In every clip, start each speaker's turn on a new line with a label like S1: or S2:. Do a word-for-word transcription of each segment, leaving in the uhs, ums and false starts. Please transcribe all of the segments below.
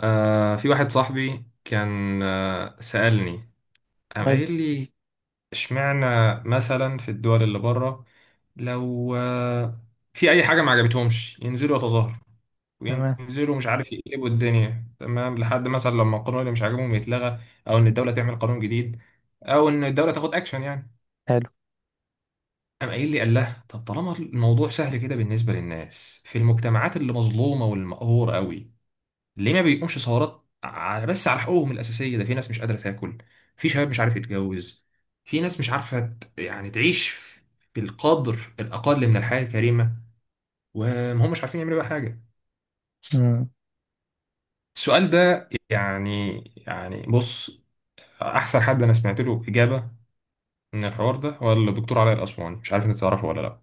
S1: آه في واحد صاحبي كان آه سألني، قام
S2: حلو.
S1: قايل لي: اشمعنى مثلا في الدول اللي بره لو آه في أي حاجة ما عجبتهمش ينزلوا يتظاهروا
S2: تمام.
S1: وينزلوا مش عارف يقلبوا الدنيا، تمام، لحد مثلا لما القانون اللي مش عاجبهم يتلغى، أو إن الدولة تعمل قانون جديد، أو إن الدولة تاخد أكشن يعني.
S2: حلو.
S1: قام قايل لي، قال له: طب طالما الموضوع سهل كده بالنسبة للناس في المجتمعات اللي مظلومة والمقهورة قوي، ليه ما بيقومش ثورات ع- بس على حقوقهم الأساسية؟ ده في ناس مش قادرة تاكل، في شباب مش عارف يتجوز، في ناس مش عارفة ت- يعني تعيش بالقدر الأقل من الحياة الكريمة، وما هم مش عارفين يعملوا بقى حاجة.
S2: مم.
S1: السؤال ده يعني. يعني بص، أحسن حد أنا سمعت له إجابة من الحوار ده هو الدكتور علاء الأسواني، مش عارف أنت تعرفه ولا لأ؟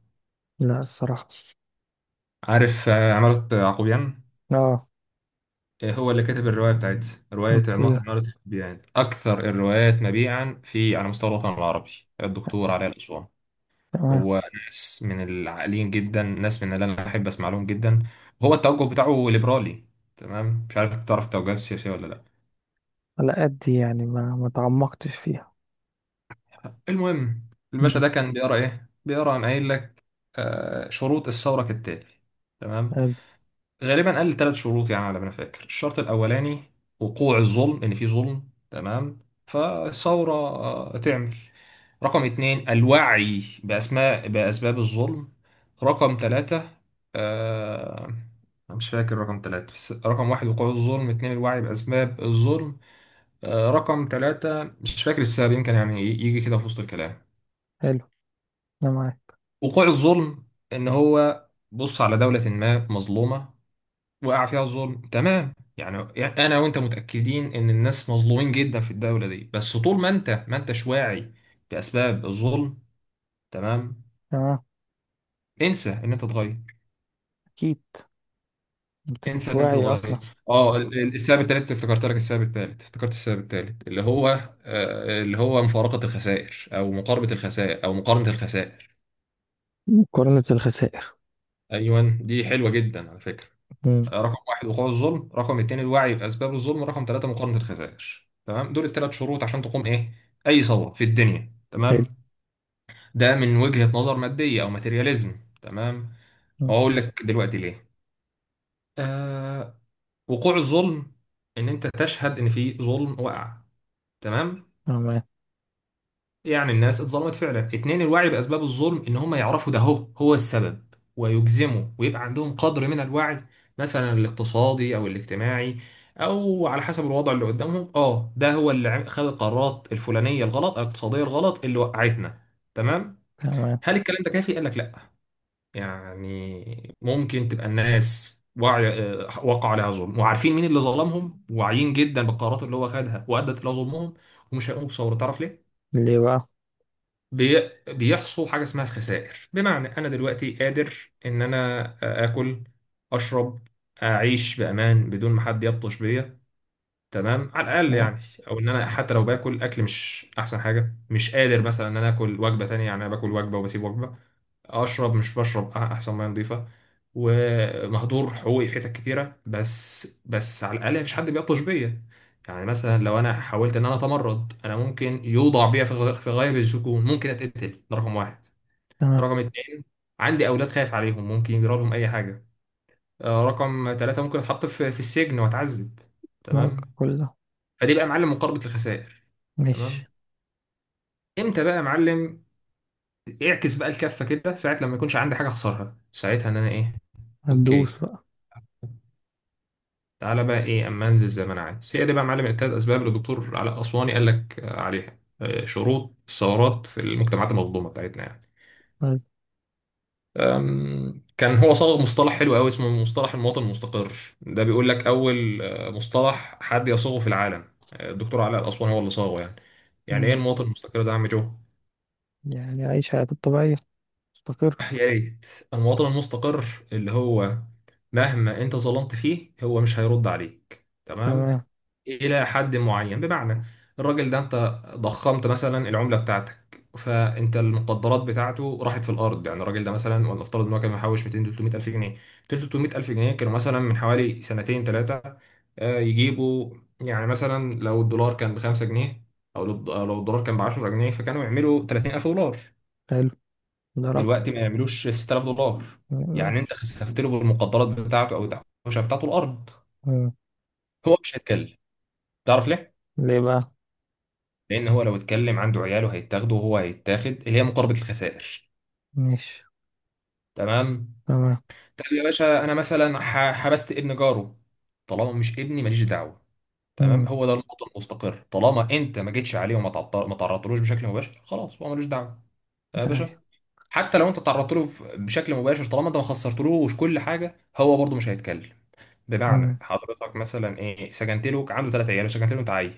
S2: لا، الصراحة.
S1: عارف، آه، عمالة يعقوبيان.
S2: اه.
S1: آه، هو اللي كتب الرواية بتاعتها، رواية عم-
S2: اوكي.
S1: عمارة الحب، يعني أكثر الروايات مبيعا في على مستوى الوطن العربي. الدكتور علي الأسوان
S2: تمام.
S1: هو ناس من العاقلين جدا، ناس من اللي أنا أحب أسمع لهم جدا. هو التوجه بتاعه ليبرالي، تمام؟ مش عارف تعرف التوجهات السياسية ولا لأ؟
S2: على قد يعني ما ما تعمقتش فيها.
S1: المهم، الباشا
S2: مم.
S1: ده كان بيقرأ إيه؟ بيقرأ، عن قايل لك آه، شروط الثورة كالتالي، تمام.
S2: حلو.
S1: غالبا قال ثلاث شروط، يعني على ما انا فاكر. الشرط الاولاني: وقوع الظلم، ان في ظلم، تمام، فثوره آه، تعمل. رقم اتنين: الوعي بأسماء بأسباب الظلم. رقم تلاتة، آه مش فاكر رقم تلاتة. بس رقم واحد وقوع الظلم، اتنين الوعي بأسباب الظلم، آه رقم تلاتة مش فاكر السبب، يمكن يعني يجي كده في وسط الكلام.
S2: حلو. انا معاك.
S1: وقوع الظلم، إن هو بص على دولة ما مظلومة وقع فيها الظلم، تمام. يعني يعني انا وانت متاكدين ان الناس مظلومين جدا في الدوله دي، بس طول ما انت ما انتش واعي باسباب الظلم، تمام،
S2: تمام.
S1: انسى ان انت تتغير.
S2: اكيد. انت
S1: انسى
S2: مش
S1: ان انت
S2: واعي اصلا.
S1: تتغير. اه، ال- ال- السبب الثالث افتكرت لك، السبب الثالث افتكرت، السبب الثالث اللي هو آه، اللي هو مفارقه الخسائر، او مقاربه الخسائر، او مقارنه الخسائر.
S2: مقارنة الخسائر.
S1: ايوه دي حلوه جدا على فكره.
S2: مم.
S1: رقم واحد وقوع الظلم، رقم اتنين الوعي بأسباب الظلم، رقم ثلاثة مقاومة الخسائر، تمام، دول الثلاث شروط عشان تقوم ايه؟ أي ثورة في الدنيا،
S2: حلو.
S1: تمام. ده من وجهة نظر مادية أو ماتيرياليزم، تمام.
S2: مم.
S1: وأقول لك دلوقتي ليه. آه. وقوع الظلم، إن أنت تشهد إن في ظلم وقع، تمام،
S2: تمام.
S1: يعني الناس اتظلمت فعلا. اتنين: الوعي بأسباب الظلم، ان هم يعرفوا ده هو هو السبب ويجزموا، ويبقى عندهم قدر من الوعي، مثلا الاقتصادي او الاجتماعي، او على حسب الوضع اللي قدامهم. اه، ده هو اللي عم- خد القرارات الفلانية الغلط، الاقتصادية الغلط اللي وقعتنا، تمام.
S2: تمام.
S1: هل الكلام ده كافي؟ قال لك لا. يعني ممكن تبقى الناس وعي، آه، وقع عليها ظلم، وعارفين مين اللي ظلمهم، واعيين جدا بالقرارات اللي هو خدها وادت الى ظلمهم، ومش هيقوموا بثورة. تعرف ليه؟
S2: ليه بقى؟
S1: بي... بيحصل حاجة اسمها الخسائر. بمعنى أنا دلوقتي قادر إن أنا آكل، أشرب، أعيش بأمان بدون ما حد يبطش بيا، تمام، على الاقل
S2: تمام.
S1: يعني. او ان انا حتى لو باكل اكل مش احسن حاجه، مش قادر مثلا ان انا اكل وجبه تانية، يعني انا باكل وجبه وبسيب وجبه. اشرب، مش بشرب أح- احسن ميه نظيفه، ومهدور حقوقي في حتت كتيره، بس بس على الاقل مفيش حد بيبطش بيا. يعني مثلا لو انا حاولت ان انا اتمرد، انا ممكن يوضع بيا في غ- في غايب الزكون، ممكن اتقتل، ده رقم واحد.
S2: تمام.
S1: رقم اتنين: عندي اولاد خايف عليهم، ممكن يجرى لهم اي حاجه. آه، رقم ثلاثة: ممكن اتحط في في السجن واتعذب،
S2: ممكن
S1: تمام.
S2: كله.
S1: فدي بقى يا معلم مقاربه الخسائر،
S2: مش.
S1: تمام. امتى بقى يا معلم؟ اعكس بقى الكفه كده، ساعه لما يكونش عندي حاجه اخسرها، ساعتها ان انا ايه.
S2: هتدوس
S1: اوكي،
S2: بقى.
S1: تعالى بقى ايه، اما انزل زي ما انا عايز. هي دي بقى يا معلم التلات اسباب اللي الدكتور علاء اسواني قال لك آه، عليها، آه، شروط الثورات في المجتمعات المظلومه بتاعتنا يعني.
S2: حلو.
S1: أم، كان هو صاغ مصطلح حلو قوي اسمه مصطلح المواطن المستقر. ده بيقول لك اول آه، مصطلح حد يصوغه في العالم، آه، الدكتور علاء الاسواني هو اللي صاغه يعني. يعني ايه
S2: مم.
S1: المواطن المستقر ده يا عم جو؟
S2: يعني عيش حياتك الطبيعية. مستقر.
S1: يا ريت. المواطن المستقر، اللي هو مهما انت ظلمت فيه هو مش هيرد عليك، تمام،
S2: تمام.
S1: الى حد معين. بمعنى، الراجل ده انت ضخمت مثلا العمله بتاعتك، فانت المقدرات بتاعته راحت في الارض. يعني الراجل ده مثلا، ولنفترض ان هو كان محوش ميتين تلتمية الف جنيه، ميتين تلتمية الف جنيه كانوا مثلا من حوالي سنتين ثلاثه يجيبوا، يعني مثلا لو الدولار كان ب خمسة جنيه، او لو الد- أو لو الدولار كان ب عشرة جنيه، فكانوا يعملوا تلاتين ألف دولار.
S2: حلو. ده رقم.
S1: دلوقتي ما يعملوش ستة آلاف دولار.
S2: مم.
S1: يعني انت خسفت له بالمقدرات بتاعته او التحويشه بتاعته الارض، هو مش هيتكلم. تعرف ليه؟
S2: ليه بقى؟
S1: لان هو لو اتكلم عنده عياله هيتاخدوا، وهو هيتاخد، اللي هي مقاربه الخسائر،
S2: مش.
S1: تمام.
S2: تمام.
S1: طب يا باشا، انا مثلا ح- حبست ابن جاره، طالما مش ابني ماليش دعوه، تمام.
S2: امم.
S1: هو ده النقطه المستقر، طالما انت ما جيتش عليه وما تعطل- ما تعرضتلوش بشكل مباشر، خلاص هو ملوش دعوه يا
S2: ايوه.
S1: باشا. حتى لو انت تعرضت له بشكل مباشر، طالما انت ما خسرتلوش كل حاجه، هو برضه مش هيتكلم. بمعنى،
S2: امم.
S1: حضرتك مثلا ايه سكنت له عنده ثلاث عيال وسكنت له انت عيل،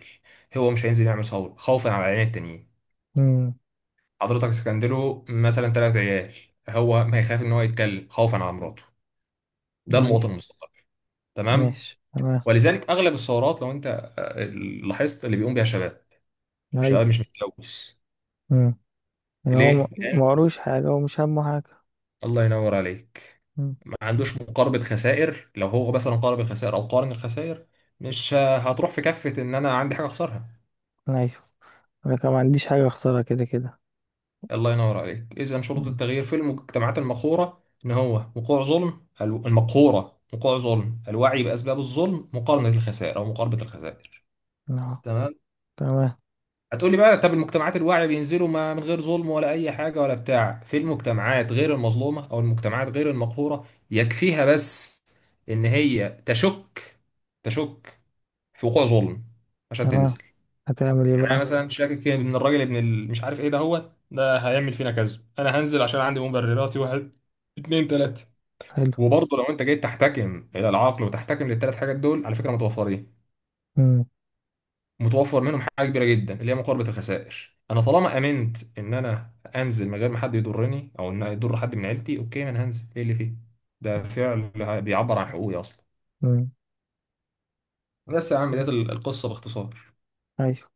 S1: هو مش هينزل يعمل ثوره خوفا على العيالين التانيين.
S2: امم.
S1: حضرتك سكنت له مثلا ثلاث عيال، هو ما يخاف ان هو يتكلم خوفا على مراته. ده
S2: ايوه.
S1: المواطن المستقل، تمام.
S2: ماشي. تمام.
S1: ولذلك اغلب الثورات، لو انت آه، لاحظت، اللي بيقوم بيها شباب، شباب
S2: ايوه.
S1: مش متلوث.
S2: امم. يعني هو ما
S1: ليه؟ لأن-
S2: ما قروش حاجة. هو مش همه حاجة.
S1: الله ينور عليك،
S2: امم.
S1: ما عندوش مقاربة خسائر. لو هو مثلا قارب الخسائر او قارن الخسائر، مش آه، هتروح في كفة ان انا عندي حاجة اخسرها.
S2: ايوه. انا كمان ما عنديش حاجة اخسرها كده كده.
S1: الله ينور عليك. إذا شروط
S2: امم.
S1: التغيير في المجتمعات المقهورة إن هو وقوع ظلم، الو- المقهورة، وقوع ظلم، الوعي بأسباب الظلم، مقارنة الخسائر أو مقاربة الخسائر،
S2: اه.
S1: تمام.
S2: تمام.
S1: هتقولي بقى: طب المجتمعات الواعية بينزلوا ما من غير ظلم ولا أي حاجة ولا بتاع؟ في المجتمعات غير المظلومة أو المجتمعات غير المقهورة يكفيها بس إن هي تشك تشك في وقوع ظلم عشان
S2: تمام.
S1: تنزل.
S2: هتعمل ايه
S1: يعني انا
S2: بقى؟
S1: مثلا شاكك ان الراجل ابن ال- مش عارف ايه ده، هو ده هيعمل فينا كذا، انا هنزل عشان عندي مبرراتي: واحد، اتنين، تلاته.
S2: حلو.
S1: وبرضه لو انت جيت تحتكم الى العقل وتحتكم للثلاث حاجات دول، على فكره متوفرين.
S2: امم.
S1: متوفر منهم حاجه كبيره جدا اللي هي مقاربه الخسائر. انا طالما امنت ان انا انزل من غير ما حد يضرني او ان يضر حد من عيلتي، اوكي، ما انا هنزل، ايه اللي فيه؟ ده فعل بيعبر عن حقوقي اصلا.
S2: امم.
S1: بس يا عم ديت القصه باختصار.
S2: ايوه.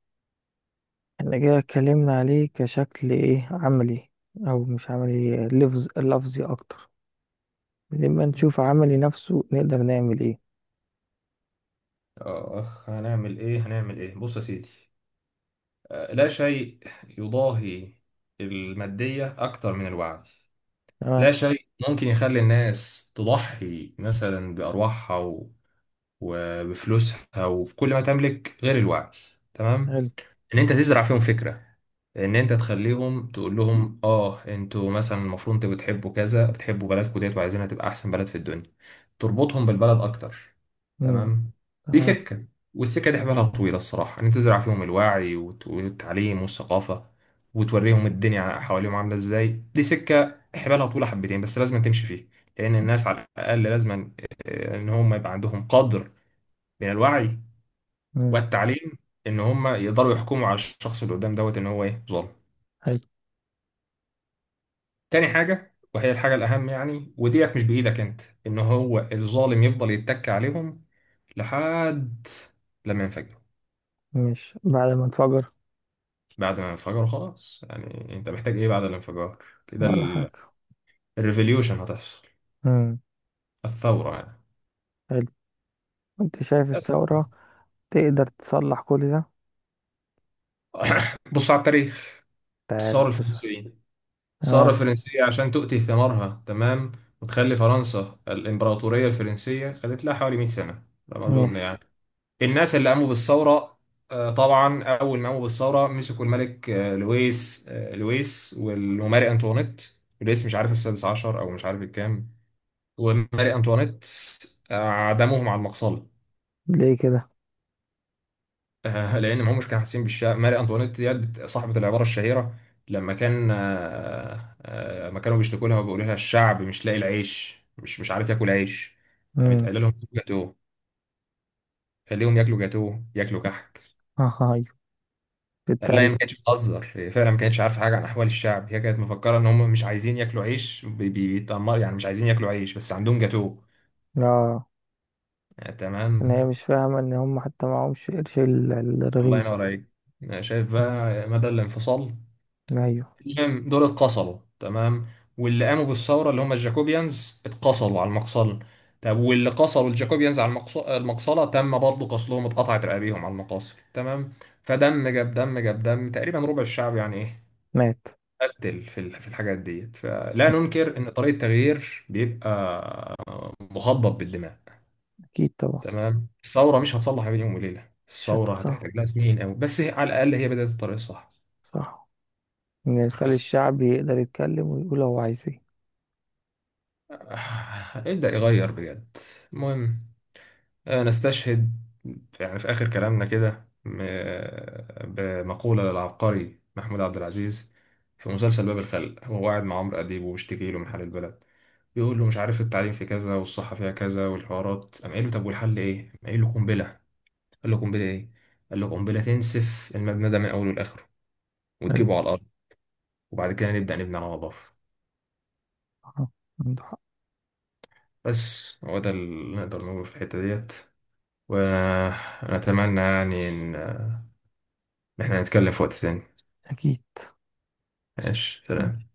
S2: احنا كده اتكلمنا عليه كشكل ايه، عملي او مش عملي، لفظ لفظي اكتر. لما نشوف عملي نفسه نقدر نعمل ايه.
S1: اخ، هنعمل ايه؟ هنعمل ايه؟ بص يا سيدي، آه، لا شيء يضاهي المادية أكتر من الوعي.
S2: تمام.
S1: لا شيء ممكن يخلي الناس تضحي مثلا بأرواحها و- وبفلوسها وفي كل ما تملك غير الوعي، تمام.
S2: حلو.
S1: ان انت تزرع فيهم فكره، ان انت تخليهم، تقول لهم: اه، انتوا مثلا المفروض انتوا بتحبوا كذا، بتحبوا بلدكم ديت وعايزينها تبقى احسن بلد في الدنيا. تربطهم بالبلد اكتر،
S2: امم.
S1: تمام. دي
S2: تمام.
S1: سكه، والسكه دي حبالها طويله الصراحه. ان انت تزرع فيهم الوعي وت- والتعليم والثقافه، وتوريهم الدنيا حواليهم عامله ازاي. دي سكه حبالها طويله حبتين، بس لازم تمشي فيها. لان الناس على الاقل لازم ان هم يبقى عندهم قدر من الوعي
S2: امم.
S1: والتعليم، ان هم يقدروا يحكموا على الشخص اللي قدام دوت ان هو ايه، ظالم.
S2: حلو.
S1: تاني حاجه، وهي الحاجه الاهم يعني، وديت مش بايدك انت، ان هو الظالم يفضل يتك عليهم لحد لما ينفجروا.
S2: مش بعد ما انفجر.
S1: بعد ما ينفجروا خلاص. يعني انت محتاج ايه بعد الانفجار؟ كده
S2: ولا حاجة.
S1: ال- الريفوليوشن هتحصل،
S2: امم.
S1: الثوره يعني.
S2: حلو. انت شايف
S1: بس.
S2: الثورة تقدر تصلح كل ده؟
S1: بص على التاريخ،
S2: تعالى
S1: الثوره
S2: بص.
S1: الفرنسيه. الثوره
S2: اه.
S1: الفرنسيه عشان تؤتي ثمارها، تمام، وتخلي فرنسا الامبراطوريه الفرنسيه، خدت لها حوالي مئة سنه على ما اظن
S2: ماشي.
S1: يعني. الناس اللي قاموا بالثورة، آه، طبعا أول ما قاموا بالثورة مسكوا الملك، آه، لويس آه، لويس والماري أنطوانيت. لويس مش عارف السادس عشر أو مش عارف الكام، وماري أنطوانيت، آه، عدموهم على المقصلة.
S2: ليه كده؟
S1: آه، لأن ما همش كانوا حاسين بالشعب. ماري أنطوانيت ديت صاحبة العبارة الشهيرة، لما كان آه، آه، ما كانوا بيشتكوا لها وبيقولوا لها الشعب مش لاقي العيش، مش مش عارف ياكل عيش، قامت
S2: امم.
S1: قايله لهم: جاتوه، خليهم ياكلوا جاتوه، ياكلوا كحك.
S2: اه. ايوه.
S1: لا، هي ما
S2: بتتريق.
S1: كانتش بتهزر، هي فعلا ما كانتش عارفه حاجه عن احوال الشعب. هي كانت مفكره ان هم مش عايزين ياكلوا عيش بي- بي- بيتأمر يعني، مش عايزين ياكلوا عيش بس عندهم جاتوه،
S2: اه.
S1: آه، تمام.
S2: ان هي مش فاهمة ان هم حتى معهمش قرش ال-
S1: الله ينور
S2: الرغيف.
S1: عليك. آه، شايف
S2: مم.
S1: بقى مدى الانفصال.
S2: ايوه.
S1: المهم، دول اتقصلوا، تمام، واللي قاموا بالثوره، اللي هم الجاكوبيانز، اتقصلوا على المقصله. طب واللي قصلوا الجاكوبيانز على المقص- المقصله، تم برضه قصلهم، اتقطعت رقابيهم على المقاصل، تمام. فدم جاب دم، جاب دم، تقريبا ربع الشعب يعني ايه،
S2: مات.
S1: قتل في ال- في الحاجات ديت. فلا
S2: مم.
S1: ننكر ان طريق التغيير بيبقى مخضب بالدماء،
S2: اكيد طبعا.
S1: تمام. الثوره مش هتصلح بين يوم وليله، الثوره
S2: شتت صح.
S1: هتحتاج لها سنين قوي، بس هي- على الاقل هي بدات الطريق الصح.
S2: صح، ان يخلي
S1: بس
S2: الشعب يقدر يتكلم ويقول هو عايز ايه.
S1: آه، ابدا يغير بجد. المهم، آه، نستشهد في- يعني في اخر كلامنا كده م- بمقوله للعبقري محمود عبد العزيز في مسلسل باب الخلق. هو قاعد مع عمرو اديب وبيشتكي له من حال البلد، يقول له مش عارف التعليم في كذا والصحة فيها كذا والحوارات. قام قايل له: طب والحل ايه؟ قام قايل له: قنبلة. قال له: قنبلة ايه؟ قال له: قنبلة تنسف المبنى ده من أوله لآخره،
S2: حلو.
S1: وتجيبه على الأرض، وبعد كده نبدأ نبني على نظافة.
S2: آه، عنده حق.
S1: بس هو ده اللي نقدر نقوله في الحتة ديت، ونتمنى يعني إن إن إحنا نتكلم في وقت تاني.
S2: اكيد.
S1: ماشي، سلام.